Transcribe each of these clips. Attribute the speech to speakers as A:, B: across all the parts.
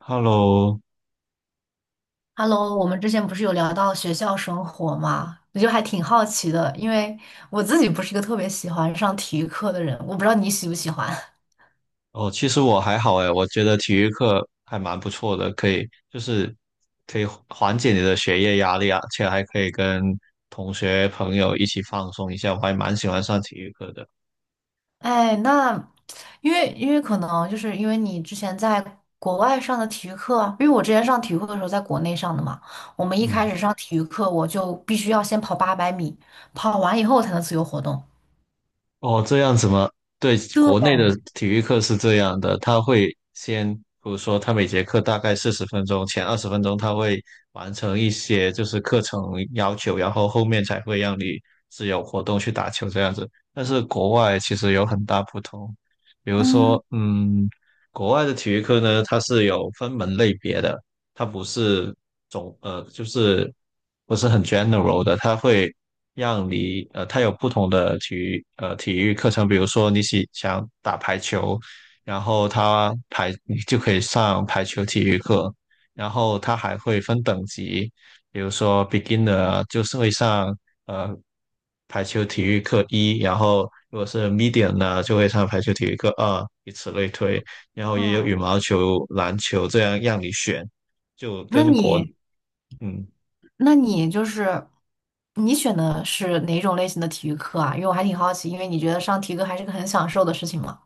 A: Hello。
B: Hello，我们之前不是有聊到学校生活吗？我就还挺好奇的，因为我自己不是一个特别喜欢上体育课的人，我不知道你喜不喜欢。
A: 哦，其实我还好诶，我觉得体育课还蛮不错的，可以，就是可以缓解你的学业压力啊，而且还可以跟同学朋友一起放松一下，我还蛮喜欢上体育课的。
B: 哎，那因为可能就是因为你之前在国外上的体育课，因为我之前上体育课的时候在国内上的嘛，我们一
A: 嗯，
B: 开始上体育课我就必须要先跑八百米，跑完以后才能自由活动。
A: 哦，这样子吗？对，国内的
B: 对，
A: 体育课是这样的，他会先，比如说他每节课大概40分钟，前20分钟他会完成一些就是课程要求，然后后面才会让你自由活动去打球这样子。但是国外其实有很大不同，比如
B: 嗯，
A: 说，国外的体育课呢，它是有分门类别的，它不是就是不是很 general 的，它会。让你呃，它有不同的体育课程，比如说你想打排球，然后它排你就可以上排球体育课，然后它还会分等级，比如说 beginner 就是会上呃排球体育课一，然后如果是 medium 呢，就会上排球体育课二，以此类推，然后也有
B: 嗯，
A: 羽毛球、篮球这样让你选，就
B: 那你？
A: 嗯，
B: 那你就是你选的是哪种类型的体育课啊？因为我还挺好奇，因为你觉得上体育课还是个很享受的事情嘛。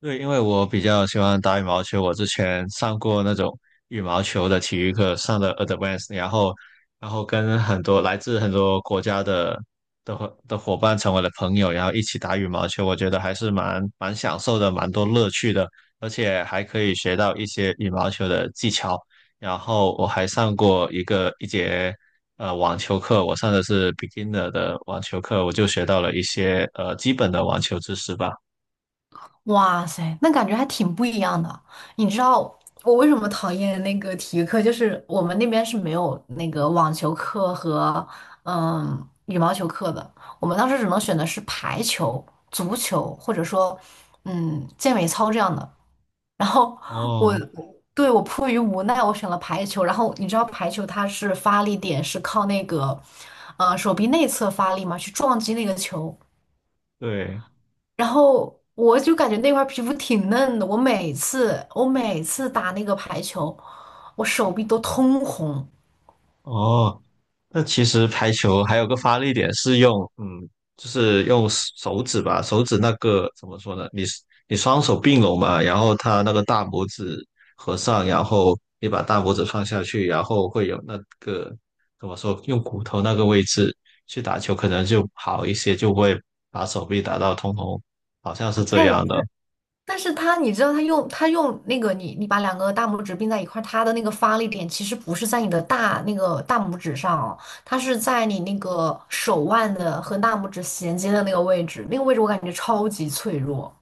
A: 对，因为我比较喜欢打羽毛球，我之前上过那种羽毛球的体育课，上的 advanced，然后跟很多来自很多国家的伙伴成为了朋友，然后一起打羽毛球，我觉得还是蛮享受的，蛮多乐趣的，而且还可以学到一些羽毛球的技巧。然后我还上过一节网球课，我上的是 beginner 的网球课，我就学到了一些基本的网球知识吧。
B: 哇塞，那感觉还挺不一样的。你知道我为什么讨厌那个体育课？就是我们那边是没有那个网球课和羽毛球课的，我们当时只能选的是排球、足球，或者说健美操这样的。然后我
A: 哦，
B: 对我迫于无奈，我选了排球。然后你知道排球它是发力点是靠那个手臂内侧发力嘛，去撞击那个球。
A: 对。
B: 然后我就感觉那块皮肤挺嫩的，我每次打那个排球，我手臂都通红。
A: 哦，那其实排球还有个发力点是用，就是用手指吧，手指那个怎么说呢？你双手并拢嘛，然后他那个大拇指合上，然后你把大拇指放下去，然后会有那个怎么说？用骨头那个位置去打球可能就好一些，就不会把手臂打到通红，好像是这
B: 哎，
A: 样的。
B: 但是它，你知道，它用那个你把两个大拇指并在一块儿，它的那个发力点其实不是在你的那个大拇指上哦，它是在你那个手腕的和大拇指衔接的那个位置，那个位置我感觉超级脆弱。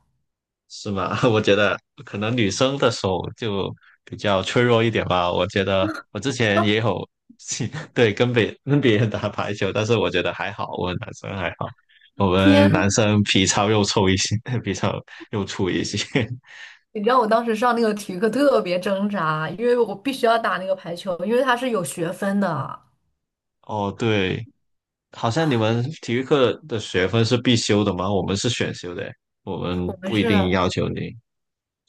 A: 是吗？我觉得可能女生的手就比较脆弱一点吧。我觉得我之前也有 对，跟别人打排球，但是我觉得还好，我们男生还好，我们
B: 天，
A: 男生皮糙肉臭一些，皮糙肉粗一些。
B: 你知道我当时上那个体育课特别挣扎，因为我必须要打那个排球，因为它是有学分的，
A: 哦，对，好像你们体育课的学分是必修的吗？我们是选修的，我们
B: 我们
A: 不一
B: 是
A: 定要求你。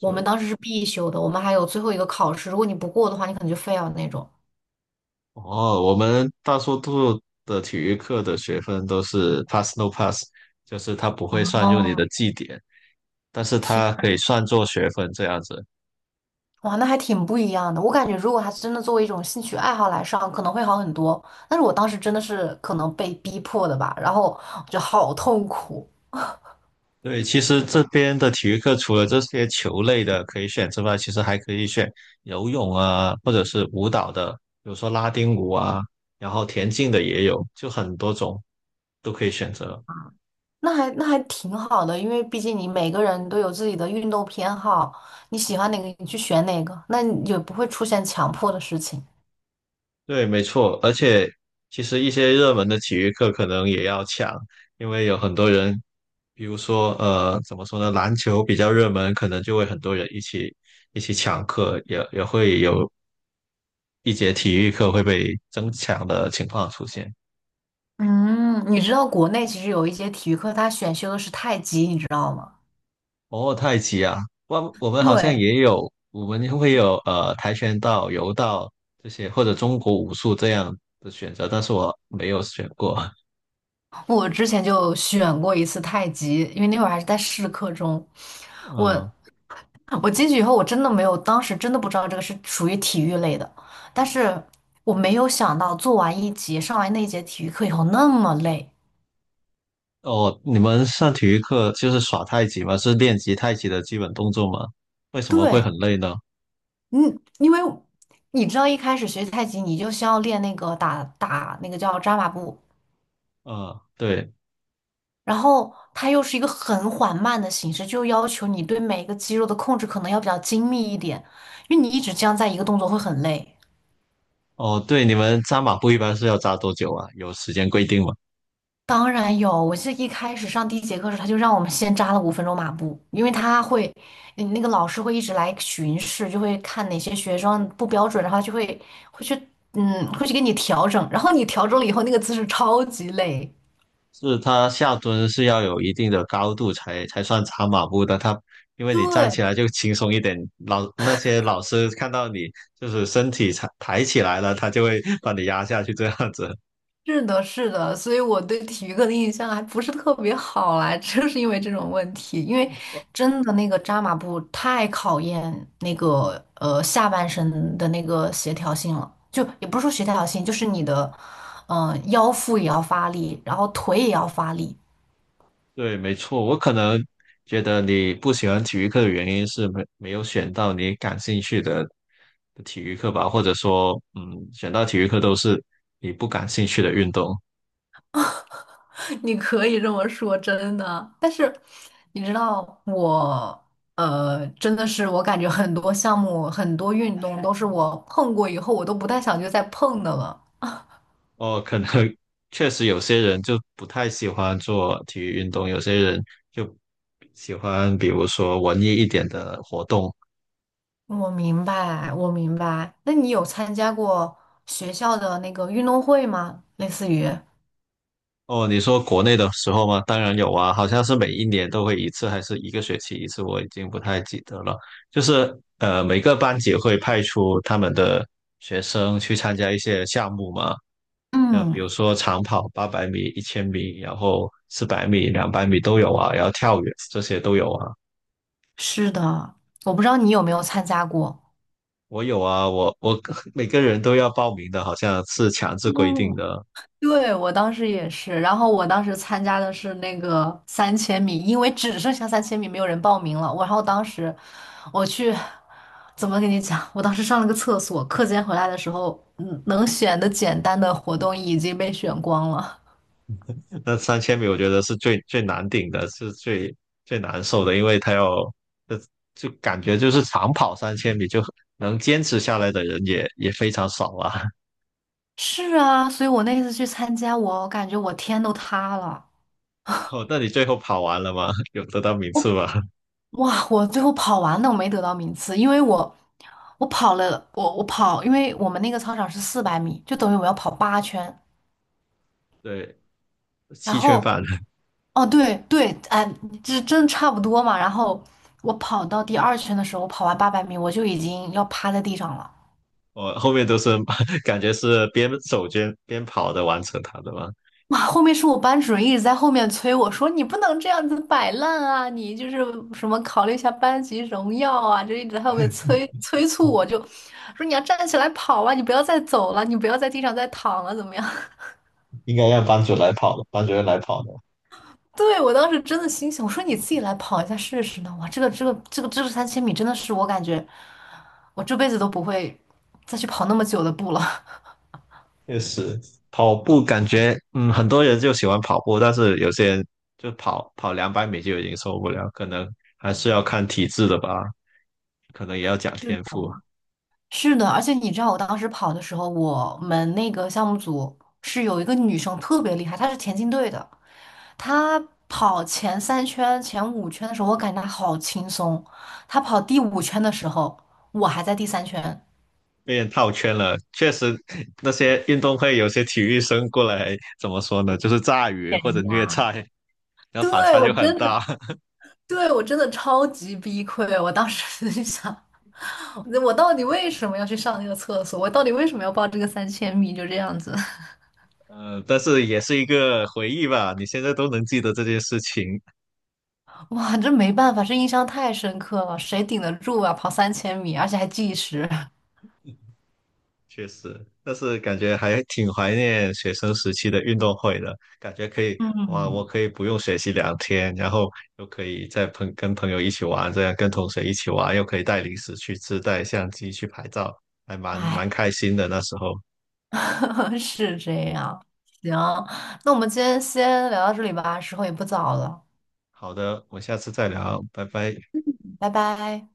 B: 我们当时是必修的，我们还有最后一个考试，如果你不过的话，你可能就 fail 那种。
A: 哦，我们大多数的体育课的学分都是 pass no pass，就是它不会算入
B: 哦。
A: 你的绩点，但是
B: 天。
A: 它可以算作学分这样子。
B: 哇，那还挺不一样的。我感觉，如果他真的作为一种兴趣爱好来上，可能会好很多。但是我当时真的是可能被逼迫的吧，然后就好痛苦。
A: 对，其实这边的体育课除了这些球类的可以选之外，其实还可以选游泳啊，或者是舞蹈的，比如说拉丁舞啊，然后田径的也有，就很多种都可以选择。
B: 那还挺好的，因为毕竟你每个人都有自己的运动偏好，你喜欢哪个你去选哪个，那你也不会出现强迫的事情。
A: 对，没错，而且其实一些热门的体育课可能也要抢，因为有很多人，比如说怎么说呢，篮球比较热门，可能就会很多人一起抢课，也会有一节体育课会被争抢的情况出现。
B: 嗯，你知道国内其实有一些体育课，它选修的是太极，你知道吗？
A: 哦，太极啊，我们好像
B: 对，
A: 也有，我们会有跆拳道、柔道这些，或者中国武术这样的选择，但是我没有选过。
B: 我之前就选过一次太极，因为那会儿还是在试课中，我。
A: 嗯，
B: 我进去以后，我真的没有，当时真的不知道这个是属于体育类的，但是我没有想到做完一节，上完那一节体育课以后那么累。
A: 哦，你们上体育课就是耍太极吗？是练习太极的基本动作吗？为什么会
B: 对，
A: 很累呢？
B: 嗯，因为你知道一开始学太极，你就需要练那个打打那个叫扎马步，
A: 嗯，对，
B: 然后它又是一个很缓慢的形式，就要求你对每一个肌肉的控制可能要比较精密一点，因为你一直这样在一个动作会很累。
A: 哦，对，你们扎马步一般是要扎多久啊？有时间规定吗？
B: 当然有，我记得一开始上第一节课时，他就让我们先扎了5分钟马步，因为他会，嗯那个老师会一直来巡视，就会看哪些学生不标准，然后就会会去，嗯，会去给你调整，然后你调整了以后，那个姿势超级累。
A: 是它下蹲是要有一定的高度才算扎马步的，它因为你站
B: 对，
A: 起来就轻松一点，那些老师看到你就是身体抬起来了，他就会把你压下去这样子。
B: 是的，是的，所以我对体育课的印象还不是特别好啦，就是因为这种问题，因为真的那个扎马步太考验那个下半身的那个协调性了，就也不是说协调性，就是你的腰腹也要发力，然后腿也要发力，
A: 对，没错，我可能觉得你不喜欢体育课的原因是没有选到你感兴趣的体育课吧，或者说，选到体育课都是你不感兴趣的运动。
B: 你可以这么说，真的。但你知道我。呃，真的是，我感觉很多项目、很多运动都是我碰过以后，我都不太想去再碰的了。
A: 哦，可能 确实有些人就不太喜欢做体育运动，有些人就喜欢比如说文艺一点的活动，
B: 我明白，我明白。那你有参加过学校的那个运动会吗？类似于，
A: 哦，你说国内的时候吗？当然有啊，好像是每一年都会一次，还是一个学期一次，我已经不太记得了。就是每个班级会派出他们的学生去参加一些项目嘛，那比
B: 嗯，
A: 如说长跑800米、1000米，然后400米、两百米都有啊，然后跳远这些都有啊。
B: 是的，我不知道你有没有参加过。
A: 我有啊，我 每个人都要报名的，好像是强制规定
B: 嗯，
A: 的。
B: 对，我当时也是，然后我当时参加的是那个三千米，因为只剩下三千米，没有人报名了。我然后当时我去，怎么跟你讲？我当时上了个厕所，课间回来的时候，能选的简单的活动已经被选光了。
A: 那三千米我觉得是最最难顶的，是最最难受的，因为他要，呃就感觉就是长跑三千米就能坚持下来的人也非常少啊。
B: 是啊，所以我那次去参加，我感觉我天都塌了。
A: 哦，那你最后跑完了吗？有得到名次吗？
B: 哇，我最后跑完了，我没得到名次，因为我跑了，我我跑，因为我们那个操场是400米，就等于我要跑8圈。
A: 对，
B: 然
A: 七圈
B: 后，
A: 半，
B: 哦对对，哎，这真差不多嘛。然后我跑到第二圈的时候，我跑完八百米，我就已经要趴在地上了。
A: 我后面都是 感觉是边走边跑的完成它的嘛，
B: 哇，后面是我班主任一直在后面催我说："你不能这样子摆烂啊，你就是什么考虑一下班级荣耀啊。"就一直在后面催促我就，说你要站起来跑啊，你不要再走了，你不要在地上再躺了，怎么样？
A: 应该让班主任来跑的。
B: 对，我当时真的心想，我说你自己来跑一下试试呢。哇，这个三千米真的是我感觉我这辈子都不会再去跑那么久的步了。
A: 确实，跑步感觉，很多人就喜欢跑步，但是有些人就跑两百米就已经受不了，可能还是要看体质的吧，可能也要讲天 赋。
B: 是的，而且你知道，我当时跑的时候，我们那个项目组是有一个女生特别厉害，她是田径队的，她跑前三圈、前五圈的时候，我感觉她好轻松，她跑第五圈的时候，我还在第三圈。
A: 被人套圈了，确实，那些运动会有些体育生过来，怎么说呢，就是炸鱼或者虐
B: 呀，
A: 菜，然后反
B: 对，
A: 差
B: 我
A: 就很
B: 真
A: 大。
B: 的，对，我真的超级崩溃。我当时就想，我到底为什么要去上那个厕所？我到底为什么要报这个三千米？就这样子。
A: 但是也是一个回忆吧，你现在都能记得这件事情，
B: 哇，这没办法，这印象太深刻了，谁顶得住啊？跑三千米，而且还计时。
A: 确实，但是感觉还挺怀念学生时期的运动会的，感觉可以，哇，我
B: 嗯，
A: 可以不用学习2天，然后又可以在跟朋友一起玩，这样跟同学一起玩，又可以带零食去吃，带相机去拍照，还蛮
B: 哎，
A: 开心的那时候。
B: 是这样。行，那我们今天先聊到这里吧，时候也不早了，
A: 好的，我们下次再聊，拜拜。
B: 拜拜。